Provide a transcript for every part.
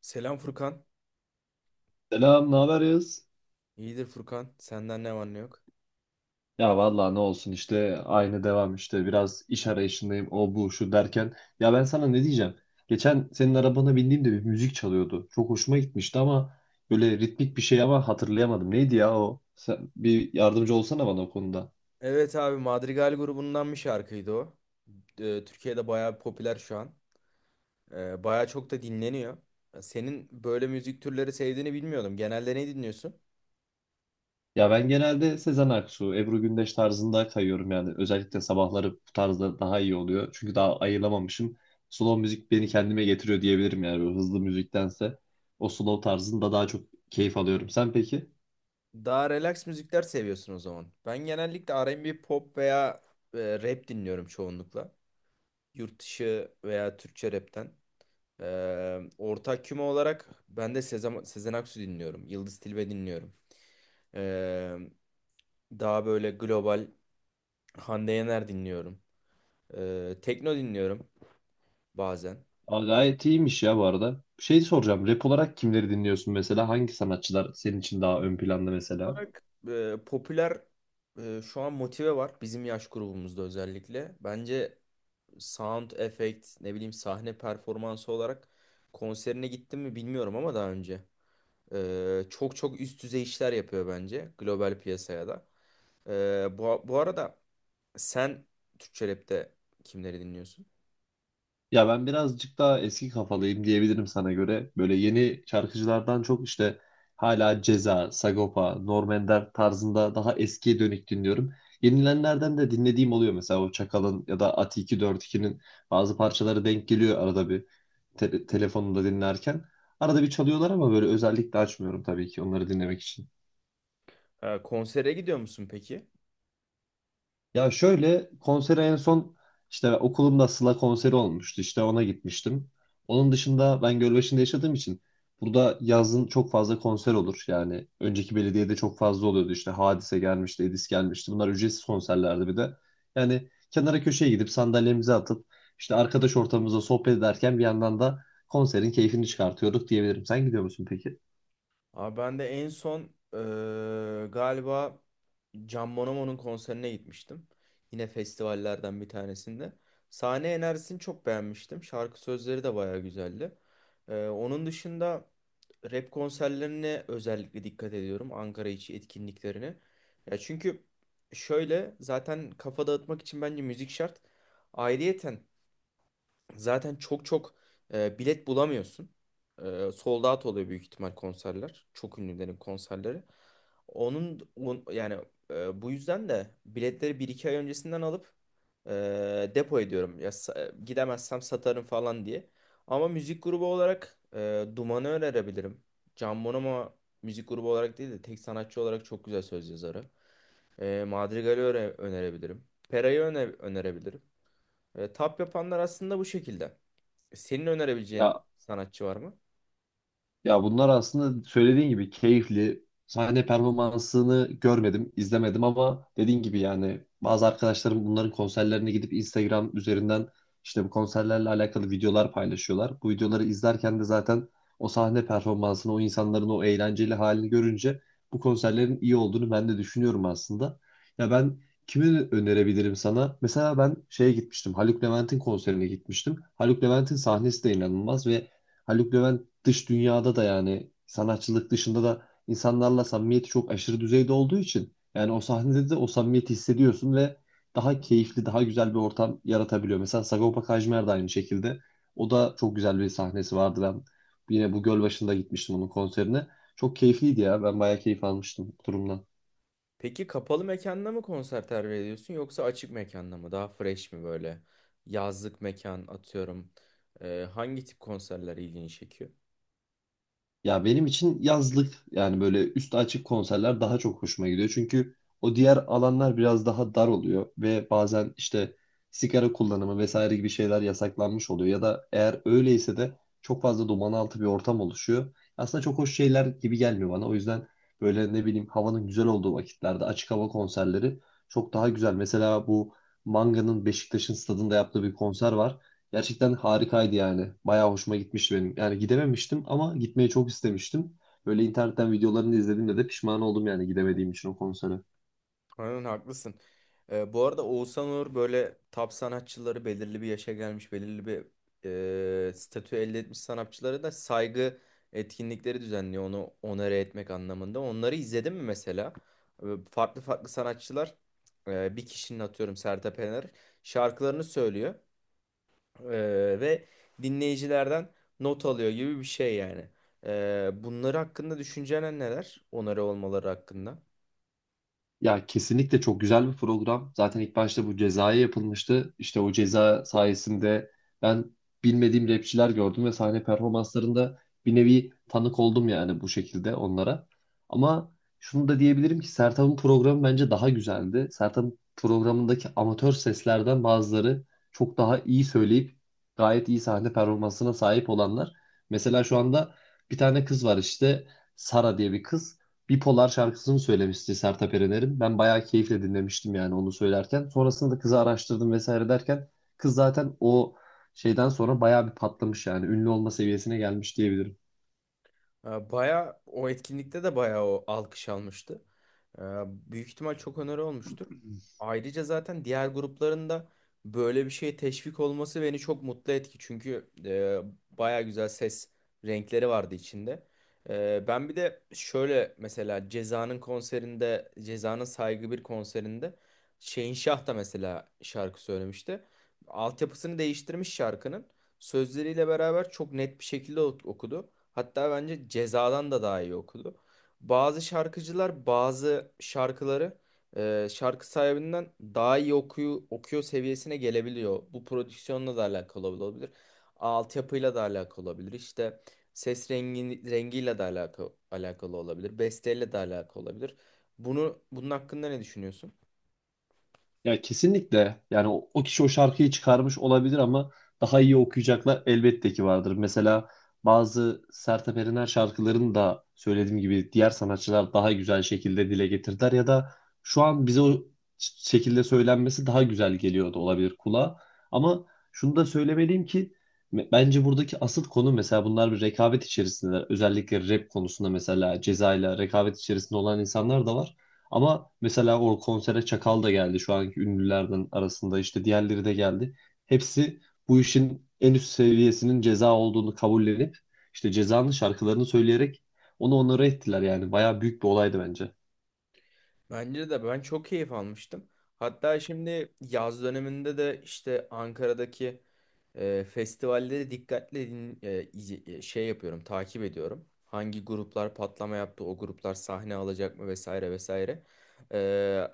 Selam Furkan. Selam, ne haber Yağız? İyidir Furkan. Senden ne var ne yok. Ya vallahi ne olsun işte aynı devam işte biraz iş arayışındayım o bu şu derken. Ya ben sana ne diyeceğim? Geçen senin arabana bindiğimde bir müzik çalıyordu. Çok hoşuma gitmişti ama böyle ritmik bir şey ama hatırlayamadım. Neydi ya o? Sen bir yardımcı olsana bana o konuda. Evet abi Madrigal grubundan bir şarkıydı o. Türkiye'de bayağı popüler şu an. Bayağı çok da dinleniyor. Senin böyle müzik türleri sevdiğini bilmiyordum. Genelde ne dinliyorsun? Ya ben genelde Sezen Aksu, Ebru Gündeş tarzında kayıyorum yani. Özellikle sabahları bu tarzda daha iyi oluyor. Çünkü daha ayıramamışım. Slow müzik beni kendime getiriyor diyebilirim yani böyle hızlı müziktense. O slow tarzında daha çok keyif alıyorum. Sen peki? Daha relax müzikler seviyorsun o zaman. Ben genellikle R&B, pop veya rap dinliyorum çoğunlukla. Yurt dışı veya Türkçe rapten. Ortak küme olarak ben de Sezen Aksu dinliyorum. Yıldız Tilbe dinliyorum. Ee, Daha böyle global Hande Yener dinliyorum. Tekno dinliyorum bazen. Aa, gayet iyiymiş ya bu arada. Şey soracağım, rap olarak kimleri dinliyorsun mesela? Hangi sanatçılar senin için daha ön planda mesela? Olarak popüler şu an Motive var bizim yaş grubumuzda özellikle. Bence sound effect ne bileyim sahne performansı olarak konserine gittim mi bilmiyorum ama daha önce. Çok çok üst düzey işler yapıyor bence global piyasaya da. Bu arada sen Türkçe rapte kimleri dinliyorsun? Ya ben birazcık daha eski kafalıyım diyebilirim sana göre. Böyle yeni şarkıcılardan çok işte hala Ceza, Sagopa, Norm Ender tarzında daha eskiye dönük dinliyorum. Yenilenlerden de dinlediğim oluyor, mesela o Çakal'ın ya da Ati 242'nin bazı parçaları denk geliyor arada bir telefonumda dinlerken. Arada bir çalıyorlar ama böyle özellikle açmıyorum tabii ki onları dinlemek için. Konsere gidiyor musun peki? Ya şöyle, konsere en son işte okulumda Sıla konseri olmuştu. İşte ona gitmiştim. Onun dışında, ben Gölbaşı'nda yaşadığım için burada yazın çok fazla konser olur. Yani önceki belediyede çok fazla oluyordu. İşte Hadise gelmişti, Edis gelmişti. Bunlar ücretsiz konserlerdi bir de. Yani kenara köşeye gidip sandalyemizi atıp işte arkadaş ortamımızda sohbet ederken bir yandan da konserin keyfini çıkartıyorduk diyebilirim. Sen gidiyor musun peki? Abi ben de en son galiba Can Bonomo'nun konserine gitmiştim. Yine festivallerden bir tanesinde. Sahne enerjisini çok beğenmiştim. Şarkı sözleri de bayağı güzeldi. Onun dışında rap konserlerine özellikle dikkat ediyorum. Ankara içi etkinliklerine. Ya çünkü şöyle zaten kafa dağıtmak için bence müzik şart. Ayrıyeten zaten çok çok bilet bulamıyorsun. Sold out oluyor büyük ihtimal konserler. Çok ünlülerin konserleri. Yani bu yüzden de biletleri bir iki ay öncesinden alıp depo ediyorum. Gidemezsem satarım falan diye. Ama müzik grubu olarak Duman'ı önerebilirim. Can Bonomo müzik grubu olarak değil de tek sanatçı olarak çok güzel söz yazarı. Madrigal'i önerebilirim. Pera'yı önerebilirim. Tap yapanlar aslında bu şekilde. Senin önerebileceğin Ya. sanatçı var mı? Ya, bunlar aslında söylediğin gibi keyifli. Sahne performansını görmedim, izlemedim ama dediğin gibi yani bazı arkadaşlarım bunların konserlerine gidip Instagram üzerinden işte bu konserlerle alakalı videolar paylaşıyorlar. Bu videoları izlerken de zaten o sahne performansını, o insanların o eğlenceli halini görünce bu konserlerin iyi olduğunu ben de düşünüyorum aslında. Ya ben kimi önerebilirim sana? Mesela ben şeye gitmiştim. Haluk Levent'in konserine gitmiştim. Haluk Levent'in sahnesi de inanılmaz ve Haluk Levent dış dünyada da yani sanatçılık dışında da insanlarla samimiyeti çok aşırı düzeyde olduğu için yani o sahnede de o samimiyeti hissediyorsun ve daha keyifli, daha güzel bir ortam yaratabiliyor. Mesela Sagopa Kajmer de aynı şekilde. O da çok güzel bir sahnesi vardı. Ben yine bu göl başında gitmiştim onun konserine. Çok keyifliydi ya. Ben bayağı keyif almıştım bu durumdan. Peki kapalı mekanda mı konser tercih ediyorsun yoksa açık mekanda mı? Daha fresh mi böyle? Yazlık mekan atıyorum. Hangi tip konserler ilgini çekiyor? Ya benim için yazlık yani böyle üstü açık konserler daha çok hoşuma gidiyor. Çünkü o diğer alanlar biraz daha dar oluyor ve bazen işte sigara kullanımı vesaire gibi şeyler yasaklanmış oluyor. Ya da eğer öyleyse de çok fazla duman altı bir ortam oluşuyor. Aslında çok hoş şeyler gibi gelmiyor bana. O yüzden böyle ne bileyim havanın güzel olduğu vakitlerde açık hava konserleri çok daha güzel. Mesela bu Manga'nın Beşiktaş'ın stadında yaptığı bir konser var. Gerçekten harikaydı yani. Bayağı hoşuma gitmişti benim. Yani gidememiştim ama gitmeyi çok istemiştim. Böyle internetten videolarını izlediğimde de pişman oldum yani gidemediğim için o konsere. Aynen haklısın. Bu arada Oğuzhan Uğur böyle top sanatçıları belirli bir yaşa gelmiş, belirli bir statü elde etmiş sanatçılara da saygı etkinlikleri düzenliyor onu onore etmek anlamında. Onları izledin mi mesela? Farklı farklı sanatçılar bir kişinin atıyorum Sertab Erener şarkılarını söylüyor e, ve dinleyicilerden not alıyor gibi bir şey yani. Bunları hakkında düşüncen neler? Onore olmaları hakkında. Ya kesinlikle çok güzel bir program. Zaten ilk başta bu cezaya yapılmıştı. İşte o ceza sayesinde ben bilmediğim rapçiler gördüm ve sahne performanslarında bir nevi tanık oldum yani bu şekilde onlara. Ama şunu da diyebilirim ki Sertab'ın programı bence daha güzeldi. Sertab'ın programındaki amatör seslerden bazıları çok daha iyi söyleyip gayet iyi sahne performansına sahip olanlar. Mesela şu anda bir tane kız var, işte Sara diye bir kız. Bipolar şarkısını söylemişti Sertab Erener'in. Ben bayağı keyifle dinlemiştim yani onu söylerken. Sonrasında da kızı araştırdım vesaire derken, kız zaten o şeyden sonra bayağı bir patlamış yani ünlü olma seviyesine gelmiş diyebilirim. Baya o etkinlikte de baya o alkış almıştı. Büyük ihtimal çok öneri olmuştur. Ayrıca zaten diğer gruplarında böyle bir şeye teşvik olması beni çok mutlu etti. Çünkü baya güzel ses renkleri vardı içinde. Ben bir de şöyle mesela Ceza'nın konserinde, Ceza'nın Saygı bir konserinde Şehinşah da mesela şarkı söylemişti. Altyapısını değiştirmiş şarkının sözleriyle beraber çok net bir şekilde okudu. Hatta bence Ceza'dan da daha iyi okudu. Bazı şarkıcılar bazı şarkıları şarkı sahibinden daha iyi okuyor seviyesine gelebiliyor. Bu prodüksiyonla da alakalı olabilir. Altyapıyla da alakalı olabilir. İşte ses rengiyle de alakalı olabilir. Besteyle de alakalı olabilir. Bunun hakkında ne düşünüyorsun? Ya kesinlikle yani o kişi o şarkıyı çıkarmış olabilir ama daha iyi okuyacaklar elbette ki vardır. Mesela bazı Sertab Erener şarkılarını da söylediğim gibi diğer sanatçılar daha güzel şekilde dile getirdiler, ya da şu an bize o şekilde söylenmesi daha güzel geliyor da olabilir kulağa. Ama şunu da söylemeliyim ki bence buradaki asıl konu, mesela bunlar bir rekabet içerisinde. Özellikle rap konusunda mesela Ceza ile rekabet içerisinde olan insanlar da var. Ama mesela o konsere Çakal da geldi, şu anki ünlülerden arasında işte diğerleri de geldi. Hepsi bu işin en üst seviyesinin ceza olduğunu kabullenip işte cezanın şarkılarını söyleyerek onu onlara ettiler yani. Bayağı büyük bir olaydı bence. Bence de ben çok keyif almıştım. Hatta şimdi yaz döneminde de işte Ankara'daki festivalleri dikkatle din, e, izi- e, şey yapıyorum, takip ediyorum. Hangi gruplar patlama yaptı, o gruplar sahne alacak mı vesaire vesaire. E,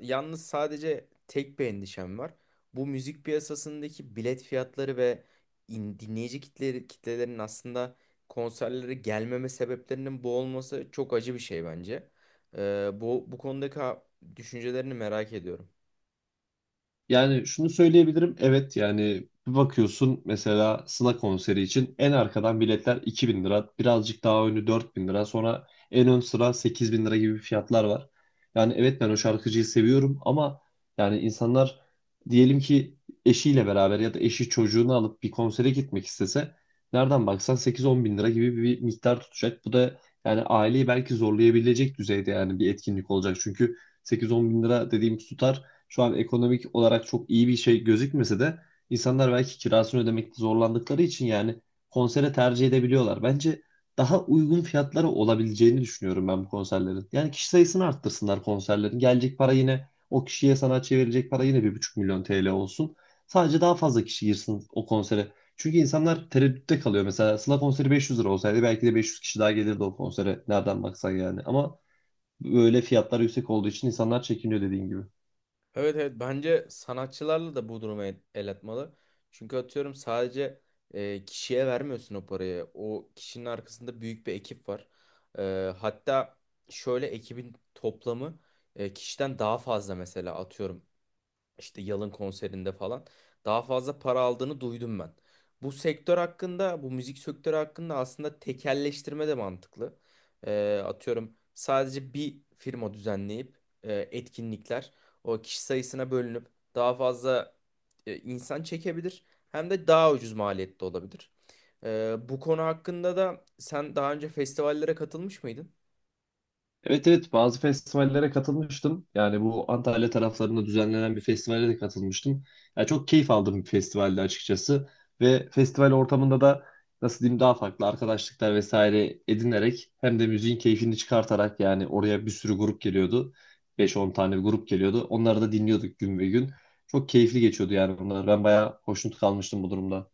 Yalnız sadece tek bir endişem var. Bu müzik piyasasındaki bilet fiyatları ve dinleyici kitlelerin aslında konserlere gelmeme sebeplerinin bu olması çok acı bir şey bence. Bu konudaki düşüncelerini merak ediyorum. Yani şunu söyleyebilirim. Evet, yani bir bakıyorsun, mesela Sına konseri için en arkadan biletler 2.000 lira. Birazcık daha önü 4.000 lira. Sonra en ön sıra 8.000 lira gibi fiyatlar var. Yani evet, ben o şarkıcıyı seviyorum ama yani insanlar diyelim ki eşiyle beraber ya da eşi çocuğunu alıp bir konsere gitmek istese nereden baksan 8-10 bin lira gibi bir miktar tutacak. Bu da yani aileyi belki zorlayabilecek düzeyde yani bir etkinlik olacak. Çünkü 8-10 bin lira dediğimiz tutar şu an ekonomik olarak çok iyi bir şey gözükmese de insanlar belki kirasını ödemekte zorlandıkları için yani konsere tercih edebiliyorlar. Bence daha uygun fiyatlara olabileceğini düşünüyorum ben bu konserlerin. Yani kişi sayısını arttırsınlar konserlerin. Gelecek para yine o kişiye, sanatçıya verecek para yine bir buçuk milyon TL olsun. Sadece daha fazla kişi girsin o konsere. Çünkü insanlar tereddütte kalıyor. Mesela Sıla konseri 500 lira olsaydı belki de 500 kişi daha gelirdi o konsere. Nereden baksan yani. Ama böyle fiyatlar yüksek olduğu için insanlar çekiniyor, dediğin gibi. Evet, evet, bence sanatçılarla da bu duruma el atmalı. Çünkü atıyorum sadece kişiye vermiyorsun o parayı. O kişinin arkasında büyük bir ekip var. Hatta şöyle ekibin toplamı kişiden daha fazla mesela atıyorum. İşte Yalın konserinde falan daha fazla para aldığını duydum ben. Bu sektör hakkında, bu müzik sektörü hakkında aslında tekelleştirme de mantıklı. Atıyorum sadece bir firma düzenleyip etkinlikler o kişi sayısına bölünüp daha fazla insan çekebilir. Hem de daha ucuz maliyette olabilir. Bu konu hakkında da sen daha önce festivallere katılmış mıydın? Evet, evet, bazı festivallere katılmıştım. Yani bu Antalya taraflarında düzenlenen bir festivale de katılmıştım. Yani çok keyif aldığım bir festivaldi açıkçası. Ve festival ortamında da nasıl diyeyim, daha farklı arkadaşlıklar vesaire edinerek hem de müziğin keyfini çıkartarak, yani oraya bir sürü grup geliyordu. Beş on tane bir grup geliyordu. Onları da dinliyorduk gün ve gün. Çok keyifli geçiyordu yani bunlar. Ben bayağı hoşnut kalmıştım bu durumda.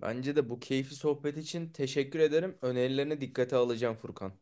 Bence de bu keyifli sohbet için teşekkür ederim. Önerilerine dikkate alacağım Furkan.